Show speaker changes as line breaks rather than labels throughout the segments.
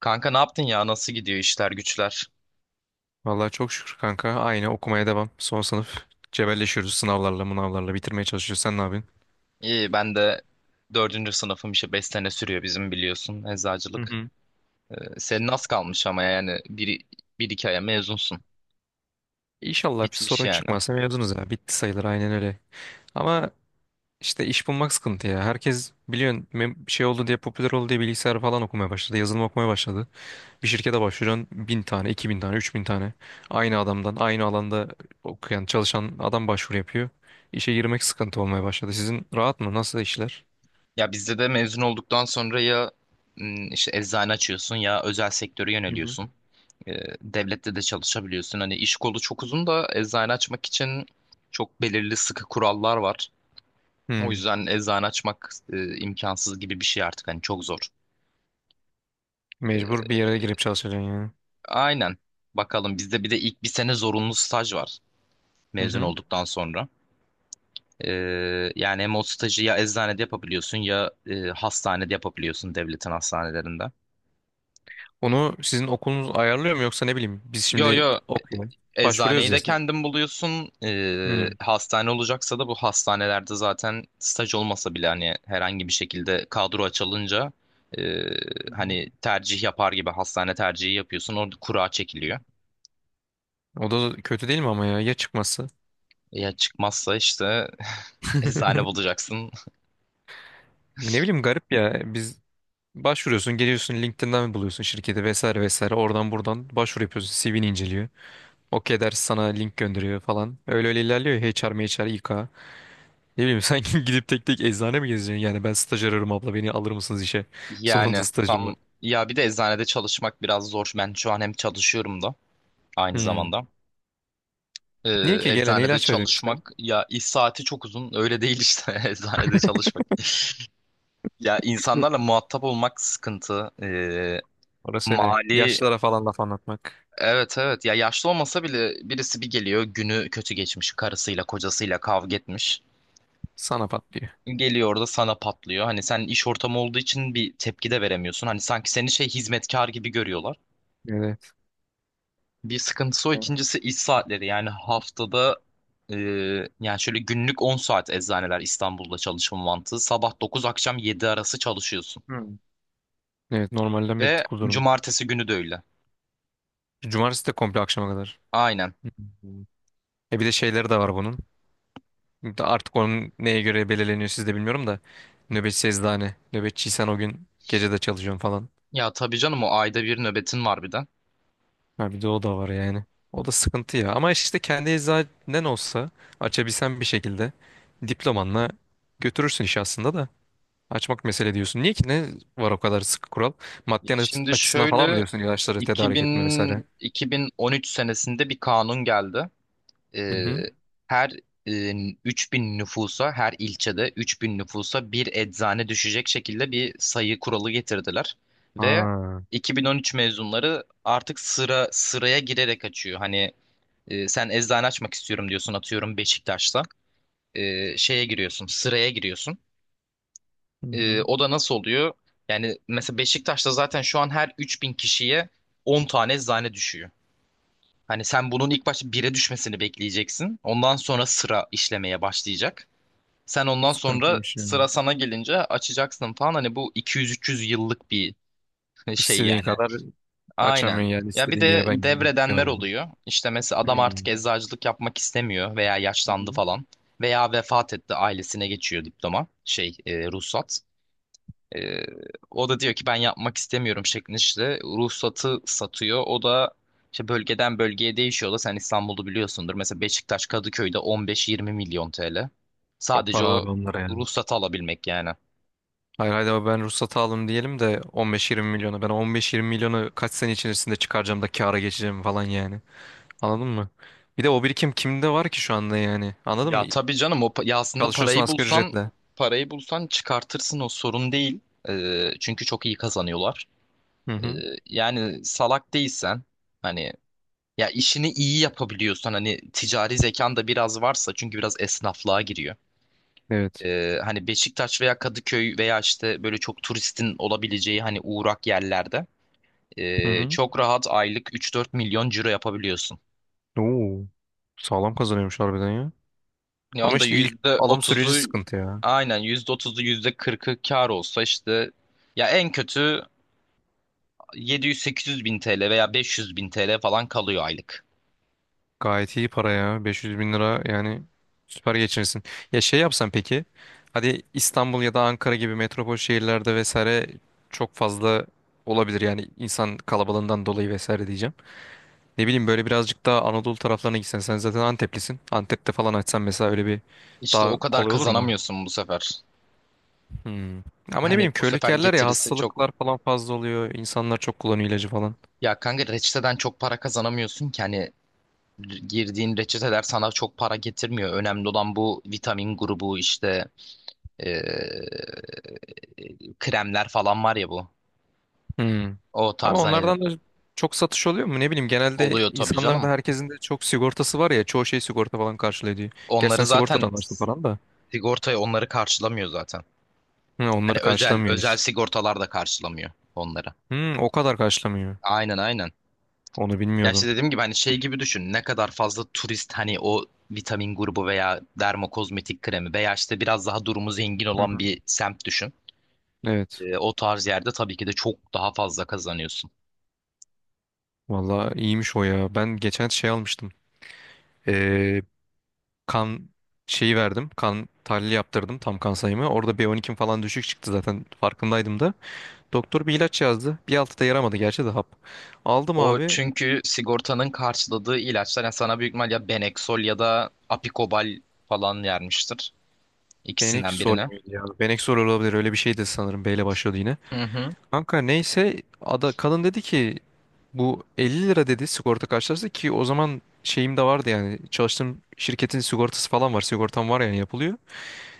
Kanka, ne yaptın ya? Nasıl gidiyor işler güçler?
Vallahi çok şükür kanka. Aynı okumaya devam. Son sınıf. Cebelleşiyoruz sınavlarla, mınavlarla bitirmeye çalışıyoruz. Sen ne yapıyorsun?
İyi, ben de dördüncü sınıfım işte, 5 sene sürüyor bizim, biliyorsun,
Hı
eczacılık.
hı.
Senin az kalmış ama yani bir iki aya mezunsun.
İnşallah bir
Bitmiş
sorun
yani.
çıkmazsa mezunuz ya. Bitti sayılır aynen öyle. Ama işte iş bulmak sıkıntı ya. Herkes biliyorsun şey oldu diye popüler oldu diye bilgisayar falan okumaya başladı. Yazılım okumaya başladı. Bir şirkete başvuruyorsun 1.000 tane, 2.000 tane, 3.000 tane. Aynı adamdan, aynı alanda okuyan, çalışan adam başvuru yapıyor. İşe girmek sıkıntı olmaya başladı. Sizin rahat mı? Nasıl işler?
Ya bizde de mezun olduktan sonra ya işte eczane açıyorsun, ya özel sektöre
Hı hı.
yöneliyorsun. Ee, Devlette de çalışabiliyorsun. Hani iş kolu çok uzun da eczane açmak için çok belirli sıkı kurallar var. O
Hmm.
yüzden eczane açmak imkansız gibi bir şey artık, hani çok zor.
Mecbur bir yere girip çalışacaksın.
Aynen. Bakalım, bizde bir de ilk bir sene zorunlu staj var
Hı
mezun
hı.
olduktan sonra. Ee, Yani hem o stajı ya eczanede yapabiliyorsun, ya hastanede yapabiliyorsun, devletin hastanelerinde.
Onu sizin okulunuz ayarlıyor mu yoksa ne bileyim biz
Yo yo,
şimdi okuyalım.
eczaneyi
Başvuruyoruz ya
de
siz.
kendin buluyorsun.
Hı.
Hastane olacaksa da bu hastanelerde zaten staj olmasa bile hani herhangi bir şekilde kadro açılınca, e,
Hı hı.
hani tercih yapar gibi hastane tercihi yapıyorsun. Orada kura çekiliyor.
O da kötü değil mi ama ya çıkması?
Ya çıkmazsa işte eczane bulacaksın.
Ne bileyim garip ya. Biz başvuruyorsun, geliyorsun LinkedIn'den buluyorsun şirketi vesaire vesaire. Oradan buradan başvuru yapıyorsun. CV'ni inceliyor. Okey der sana link gönderiyor falan. Öyle öyle ilerliyor ya. HR, MHR, İK. Ne bileyim sanki gidip tek tek eczane mi gezeceksin? Yani ben staj arıyorum abla beni alır mısınız işe? Zorunlu
Yani
stajım
tam,
var.
ya bir de eczanede çalışmak biraz zor. Ben şu an hem çalışıyorum da aynı
Hmm.
zamanda. Ee,
Niye ki gelen
Eczanede
ilaç veriyorsun işte?
çalışmak ya, iş saati çok uzun. Öyle değil işte eczanede çalışmak. Ya, insanlarla muhatap olmak sıkıntı.
Orası öyle.
Mali
Yaşlılara falan laf anlatmak
Evet, evet, ya yaşlı olmasa bile birisi bir geliyor, günü kötü geçmiş, karısıyla kocasıyla kavga etmiş.
sana patlıyor.
Geliyor orada sana patlıyor. Hani sen iş ortamı olduğu için bir tepki de veremiyorsun. Hani sanki seni şey, hizmetkar gibi görüyorlar.
Evet.
Bir sıkıntısı o. İkincisi, iş saatleri. Yani haftada e, yani şöyle günlük 10 saat eczaneler İstanbul'da çalışma mantığı. Sabah dokuz, akşam 7 arası çalışıyorsun.
Hı. Evet normalden bir
Ve
tık uzun.
cumartesi günü de öyle.
Cumartesi de komple akşama kadar.
Aynen.
Hı. E bir de şeyleri de var bunun. De artık onun neye göre belirleniyor siz de bilmiyorum da. Nöbetçi eczane. Nöbetçiysen o gün gece de çalışıyorum falan.
Ya tabii canım, o ayda bir nöbetin var bir de.
Ha bir de o da var yani. O da sıkıntı ya. Ama işte kendi eczanen olsa açabilsen bir şekilde diplomanla götürürsün işi aslında da. Açmak mesele diyorsun. Niye ki? Ne var o kadar sıkı kural? Maddi
Ya şimdi
açısından falan mı
şöyle,
diyorsun ilaçları tedarik etme
2000,
vesaire?
2013 senesinde bir kanun geldi.
Hı
e,
hı.
Her e, 3.000 nüfusa, her ilçede 3.000 nüfusa bir eczane düşecek şekilde bir sayı kuralı getirdiler ve
Ha.
2013 mezunları artık sıra sıraya girerek açıyor. Hani sen eczane açmak istiyorum diyorsun, atıyorum Beşiktaş'ta. E, şeye giriyorsun Sıraya giriyorsun.
Hı
E,
hı.
o da nasıl oluyor? Yani mesela Beşiktaş'ta zaten şu an her 3.000 kişiye 10 tane eczane düşüyor. Hani sen bunun ilk başta bire düşmesini bekleyeceksin. Ondan sonra sıra işlemeye başlayacak. Sen ondan sonra
Sıkıntıymış yani.
sıra sana gelince açacaksın falan. Hani bu 200-300 yıllık bir şey
İstediğin
yani.
kadar
Aynen.
açamıyorsun yani.
Ya bir
İstediğin
de
yere ben gideyim bir dükkanı
devredenler
buldum.
oluyor. İşte mesela adam artık
Hmm.
eczacılık yapmak istemiyor veya
Hı
yaşlandı
hı.
falan. Veya vefat etti, ailesine geçiyor diploma, şey, ruhsat. Ee, O da diyor ki ben yapmak istemiyorum şeklinde, işte ruhsatı satıyor. O da işte bölgeden bölgeye değişiyor da, sen İstanbul'u biliyorsundur. Mesela Beşiktaş, Kadıköy'de 15-20 milyon TL.
Çok
Sadece
para
o
abi onlara yani.
ruhsatı alabilmek yani.
Hayır haydi abi ben ruhsatı aldım diyelim de 15-20 milyonu. Ben o 15-20 milyonu kaç sene içerisinde çıkaracağım da kâra geçeceğim falan yani. Anladın mı? Bir de o birikim kimde var ki şu anda yani? Anladın mı?
Ya tabii canım o ya aslında
Çalışıyorsun asgari ücretle.
parayı bulsan çıkartırsın, o sorun değil. Çünkü çok iyi kazanıyorlar.
Hı
Ee,
hı.
Yani salak değilsen, hani ya işini iyi yapabiliyorsan, hani ticari zekan da biraz varsa, çünkü biraz esnaflığa giriyor.
Evet.
Hani Beşiktaş veya Kadıköy veya işte böyle çok turistin olabileceği hani uğrak yerlerde
Hı hı.
çok rahat aylık 3-4 milyon ciro yapabiliyorsun.
Oo, sağlam kazanıyormuş harbiden ya.
Yani
Ama
onda
işte ilk
yüzde
alım süreci
otuzu
sıkıntı ya.
aynen, %30'u, yüzde kırkı kar olsa işte ya en kötü 700-800 bin TL veya 500 bin TL falan kalıyor aylık.
Gayet iyi para ya. 500.000 lira yani süper geçinirsin. Ya şey yapsan peki. Hadi İstanbul ya da Ankara gibi metropol şehirlerde vesaire çok fazla olabilir yani insan kalabalığından dolayı vesaire diyeceğim. Ne bileyim böyle birazcık daha Anadolu taraflarına gitsen sen zaten Anteplisin. Antep'te falan açsan mesela öyle bir
İşte
daha
o kadar
kolay olur mu?
kazanamıyorsun bu sefer.
Hmm. Ama ne
Hani
bileyim
bu
köylük
sefer
yerler ya
getirisi çok,
hastalıklar falan fazla oluyor. İnsanlar çok kullanıyor ilacı falan.
ya kanka, reçeteden çok para kazanamıyorsun ki, hani girdiğin reçeteler sana çok para getirmiyor. Önemli olan bu vitamin grubu işte e, kremler falan var ya bu.
Hmm.
O
Ama
tarz, hani
onlardan da çok satış oluyor mu? Ne bileyim genelde
oluyor tabii
insanların da
canım.
herkesin de çok sigortası var ya çoğu şey sigorta falan karşılıyor diyor. Gerçi
Onları
sen
zaten
sigortadan varsın falan da.
sigortaya, onları karşılamıyor zaten.
Hı,
Hani
onları
özel
karşılamıyor
özel
hiç.
sigortalar da karşılamıyor onları.
Hı, o kadar karşılamıyor.
Aynen, aynen.
Onu
Ya işte
bilmiyordum.
dediğim gibi hani şey gibi düşün. Ne kadar fazla turist, hani o vitamin grubu veya dermokozmetik kremi veya işte biraz daha durumu zengin
Hı
olan
hı.
bir semt düşün.
Evet.
O tarz yerde tabii ki de çok daha fazla kazanıyorsun.
Valla iyiymiş o ya. Ben geçen şey almıştım. Ee, kan şeyi verdim. Kan tahlili yaptırdım tam kan sayımı. Orada B12'm falan düşük çıktı zaten farkındaydım da. Doktor bir ilaç yazdı. Bir altı da yaramadı gerçi de hap. Aldım
O
abi.
çünkü sigortanın karşıladığı ilaçlar, yani sana büyük ihtimal ya Benexol ya da Apikobal falan vermiştir. İkisinden
Benekzor
birine.
muydu ya? Benekzor olabilir. Öyle bir şeydi sanırım. B ile başladı yine.
Hı hı.
Kanka neyse ada, kadın dedi ki bu 50 lira dedi sigorta karşılaştı ki o zaman şeyim de vardı yani çalıştığım şirketin sigortası falan var. Sigortam var yani yapılıyor.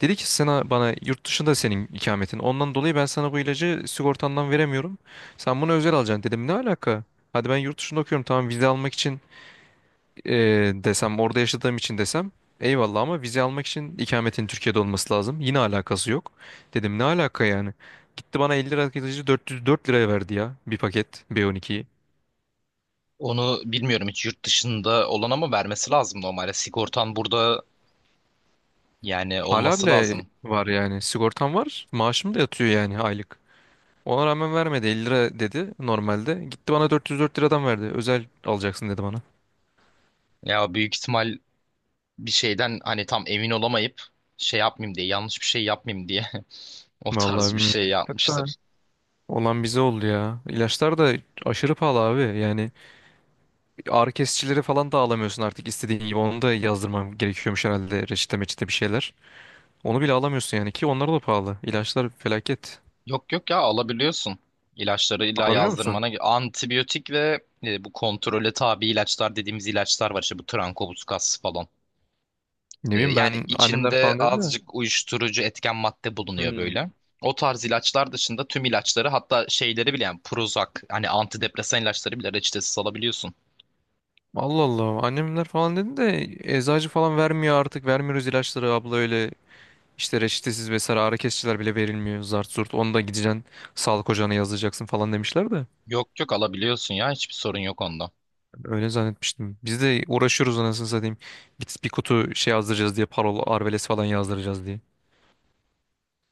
Dedi ki sana bana yurt dışında senin ikametin. Ondan dolayı ben sana bu ilacı sigortandan veremiyorum. Sen bunu özel alacaksın dedim. Ne alaka? Hadi ben yurt dışında okuyorum. Tamam vize almak için e, desem orada yaşadığım için desem eyvallah ama vize almak için ikametin Türkiye'de olması lazım. Yine alakası yok. Dedim ne alaka yani? Gitti bana 50 lira kesici 404 liraya verdi ya bir paket B12'yi.
Onu bilmiyorum hiç, yurt dışında olan ama vermesi lazım normalde. Sigortan burada, yani
Hala
olması
bile
lazım.
var yani sigortam var maaşım da yatıyor yani aylık. Ona rağmen vermedi 50 lira dedi normalde. Gitti bana 404 liradan verdi. Özel alacaksın dedi bana.
Ya büyük ihtimal bir şeyden hani tam emin olamayıp şey yapmayayım diye, yanlış bir şey yapmayayım diye o
Vallahi
tarz bir
bilmiyorum.
şey
Hatta
yapmıştır.
olan bize oldu ya. İlaçlar da aşırı pahalı abi yani. Ağrı kesicileri falan da alamıyorsun artık istediğin gibi. Onu da yazdırmam gerekiyormuş herhalde reçete meçete bir şeyler. Onu bile alamıyorsun yani ki onlar da pahalı. İlaçlar felaket.
Yok, yok, ya alabiliyorsun. İlaçları illa
Alabiliyor musun?
yazdırmana, antibiyotik ve bu kontrole tabi ilaçlar dediğimiz ilaçlar var işte, bu trankobus falan.
Ne bileyim
Yani
ben annemler
içinde
falan dedi de.
azıcık uyuşturucu etken madde bulunuyor
Hmm.
böyle. O tarz ilaçlar dışında tüm ilaçları, hatta şeyleri bile, yani Prozac, hani antidepresan ilaçları bile reçetesiz alabiliyorsun.
Allah Allah annemler falan dedi de eczacı falan vermiyor artık vermiyoruz ilaçları abla öyle işte reçetesiz vesaire ağrı kesiciler bile verilmiyor zart zurt onu da gideceksin sağlık ocağına yazdıracaksın falan demişler de
Yok, yok, alabiliyorsun ya, hiçbir sorun yok onda.
öyle zannetmiştim biz de uğraşıyoruz anasını satayım git bir kutu şey yazdıracağız diye parol arveles falan yazdıracağız diye.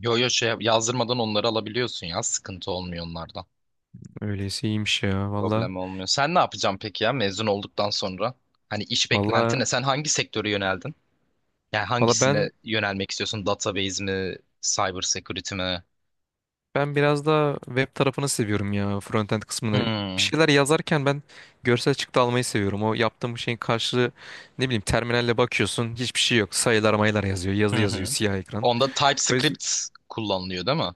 Yo yo, şey yazdırmadan onları alabiliyorsun ya, sıkıntı olmuyor onlarda.
Öyleyse iyiymiş ya.
Problem olmuyor. Sen ne yapacaksın peki ya mezun olduktan sonra? Hani iş beklentin
Valla
ne? Sen hangi sektöre yöneldin? Yani
valla
hangisine
ben
yönelmek istiyorsun? Database mi? Cyber security mi?
ben biraz daha web tarafını seviyorum ya. Frontend kısmını. Bir
Hmm.
şeyler yazarken ben görsel çıktı almayı seviyorum. O yaptığım şeyin karşılığı ne bileyim terminalle bakıyorsun hiçbir şey yok. Sayılar mayılar yazıyor. Yazı
Hı
yazıyor
hı.
siyah ekran.
Onda
O yüzden
TypeScript kullanılıyor değil mi?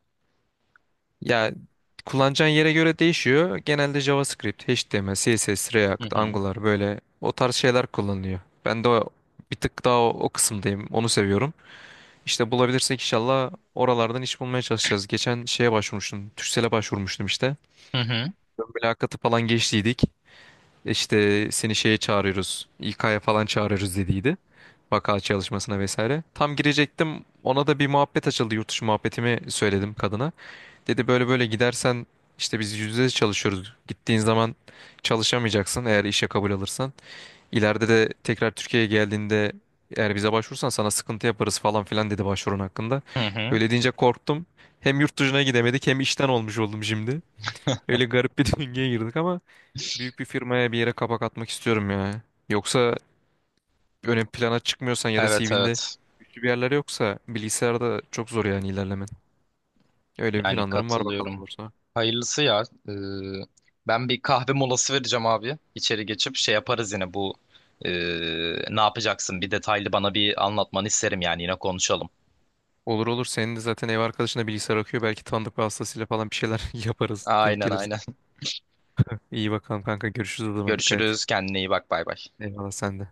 ya kullanacağın yere göre değişiyor. Genelde JavaScript, HTML, CSS,
Hı
React,
hı.
Angular böyle o tarz şeyler kullanılıyor. Ben de bir tık daha o kısımdayım. Onu seviyorum. İşte bulabilirsek inşallah oralardan iş bulmaya çalışacağız. Geçen şeye başvurmuştum. Türksel'e başvurmuştum işte.
Hı hı.
Ön mülakatı falan geçtiydik. İşte seni şeye çağırıyoruz. İK'ya falan çağırıyoruz dediydi. Vaka çalışmasına vesaire. Tam girecektim. Ona da bir muhabbet açıldı. Yurt dışı muhabbetimi söyledim kadına. Dedi böyle böyle gidersen işte biz %100 çalışıyoruz. Gittiğin zaman çalışamayacaksın eğer işe kabul alırsan. İleride de tekrar Türkiye'ye geldiğinde eğer bize başvurursan sana sıkıntı yaparız falan filan dedi başvurun hakkında.
Hı hı.
Öyle deyince korktum. Hem yurt dışına gidemedik hem işten olmuş oldum şimdi. Öyle garip bir döngüye girdik ama büyük bir firmaya bir yere kapak atmak istiyorum ya. Yoksa ön plana çıkmıyorsan ya da
Evet,
CV'nde
evet.
güçlü bir yerler yoksa bilgisayarda çok zor yani ilerlemen. Öyle bir
Yani
planlarım var bakalım
katılıyorum.
olursa.
Hayırlısı ya. Ee, Ben bir kahve molası vereceğim abi. İçeri geçip şey yaparız, yine bu ee, ne yapacaksın? Bir detaylı bana bir anlatmanı isterim yani, yine konuşalım.
Olur olur senin de zaten ev arkadaşına bilgisayar okuyor. Belki tanıdık vasıtasıyla falan bir şeyler yaparız denk
Aynen,
gelirse.
aynen.
İyi bakalım kanka görüşürüz o zaman dikkat et.
Görüşürüz. Kendine iyi bak. Bay bay.
Eyvallah sen de.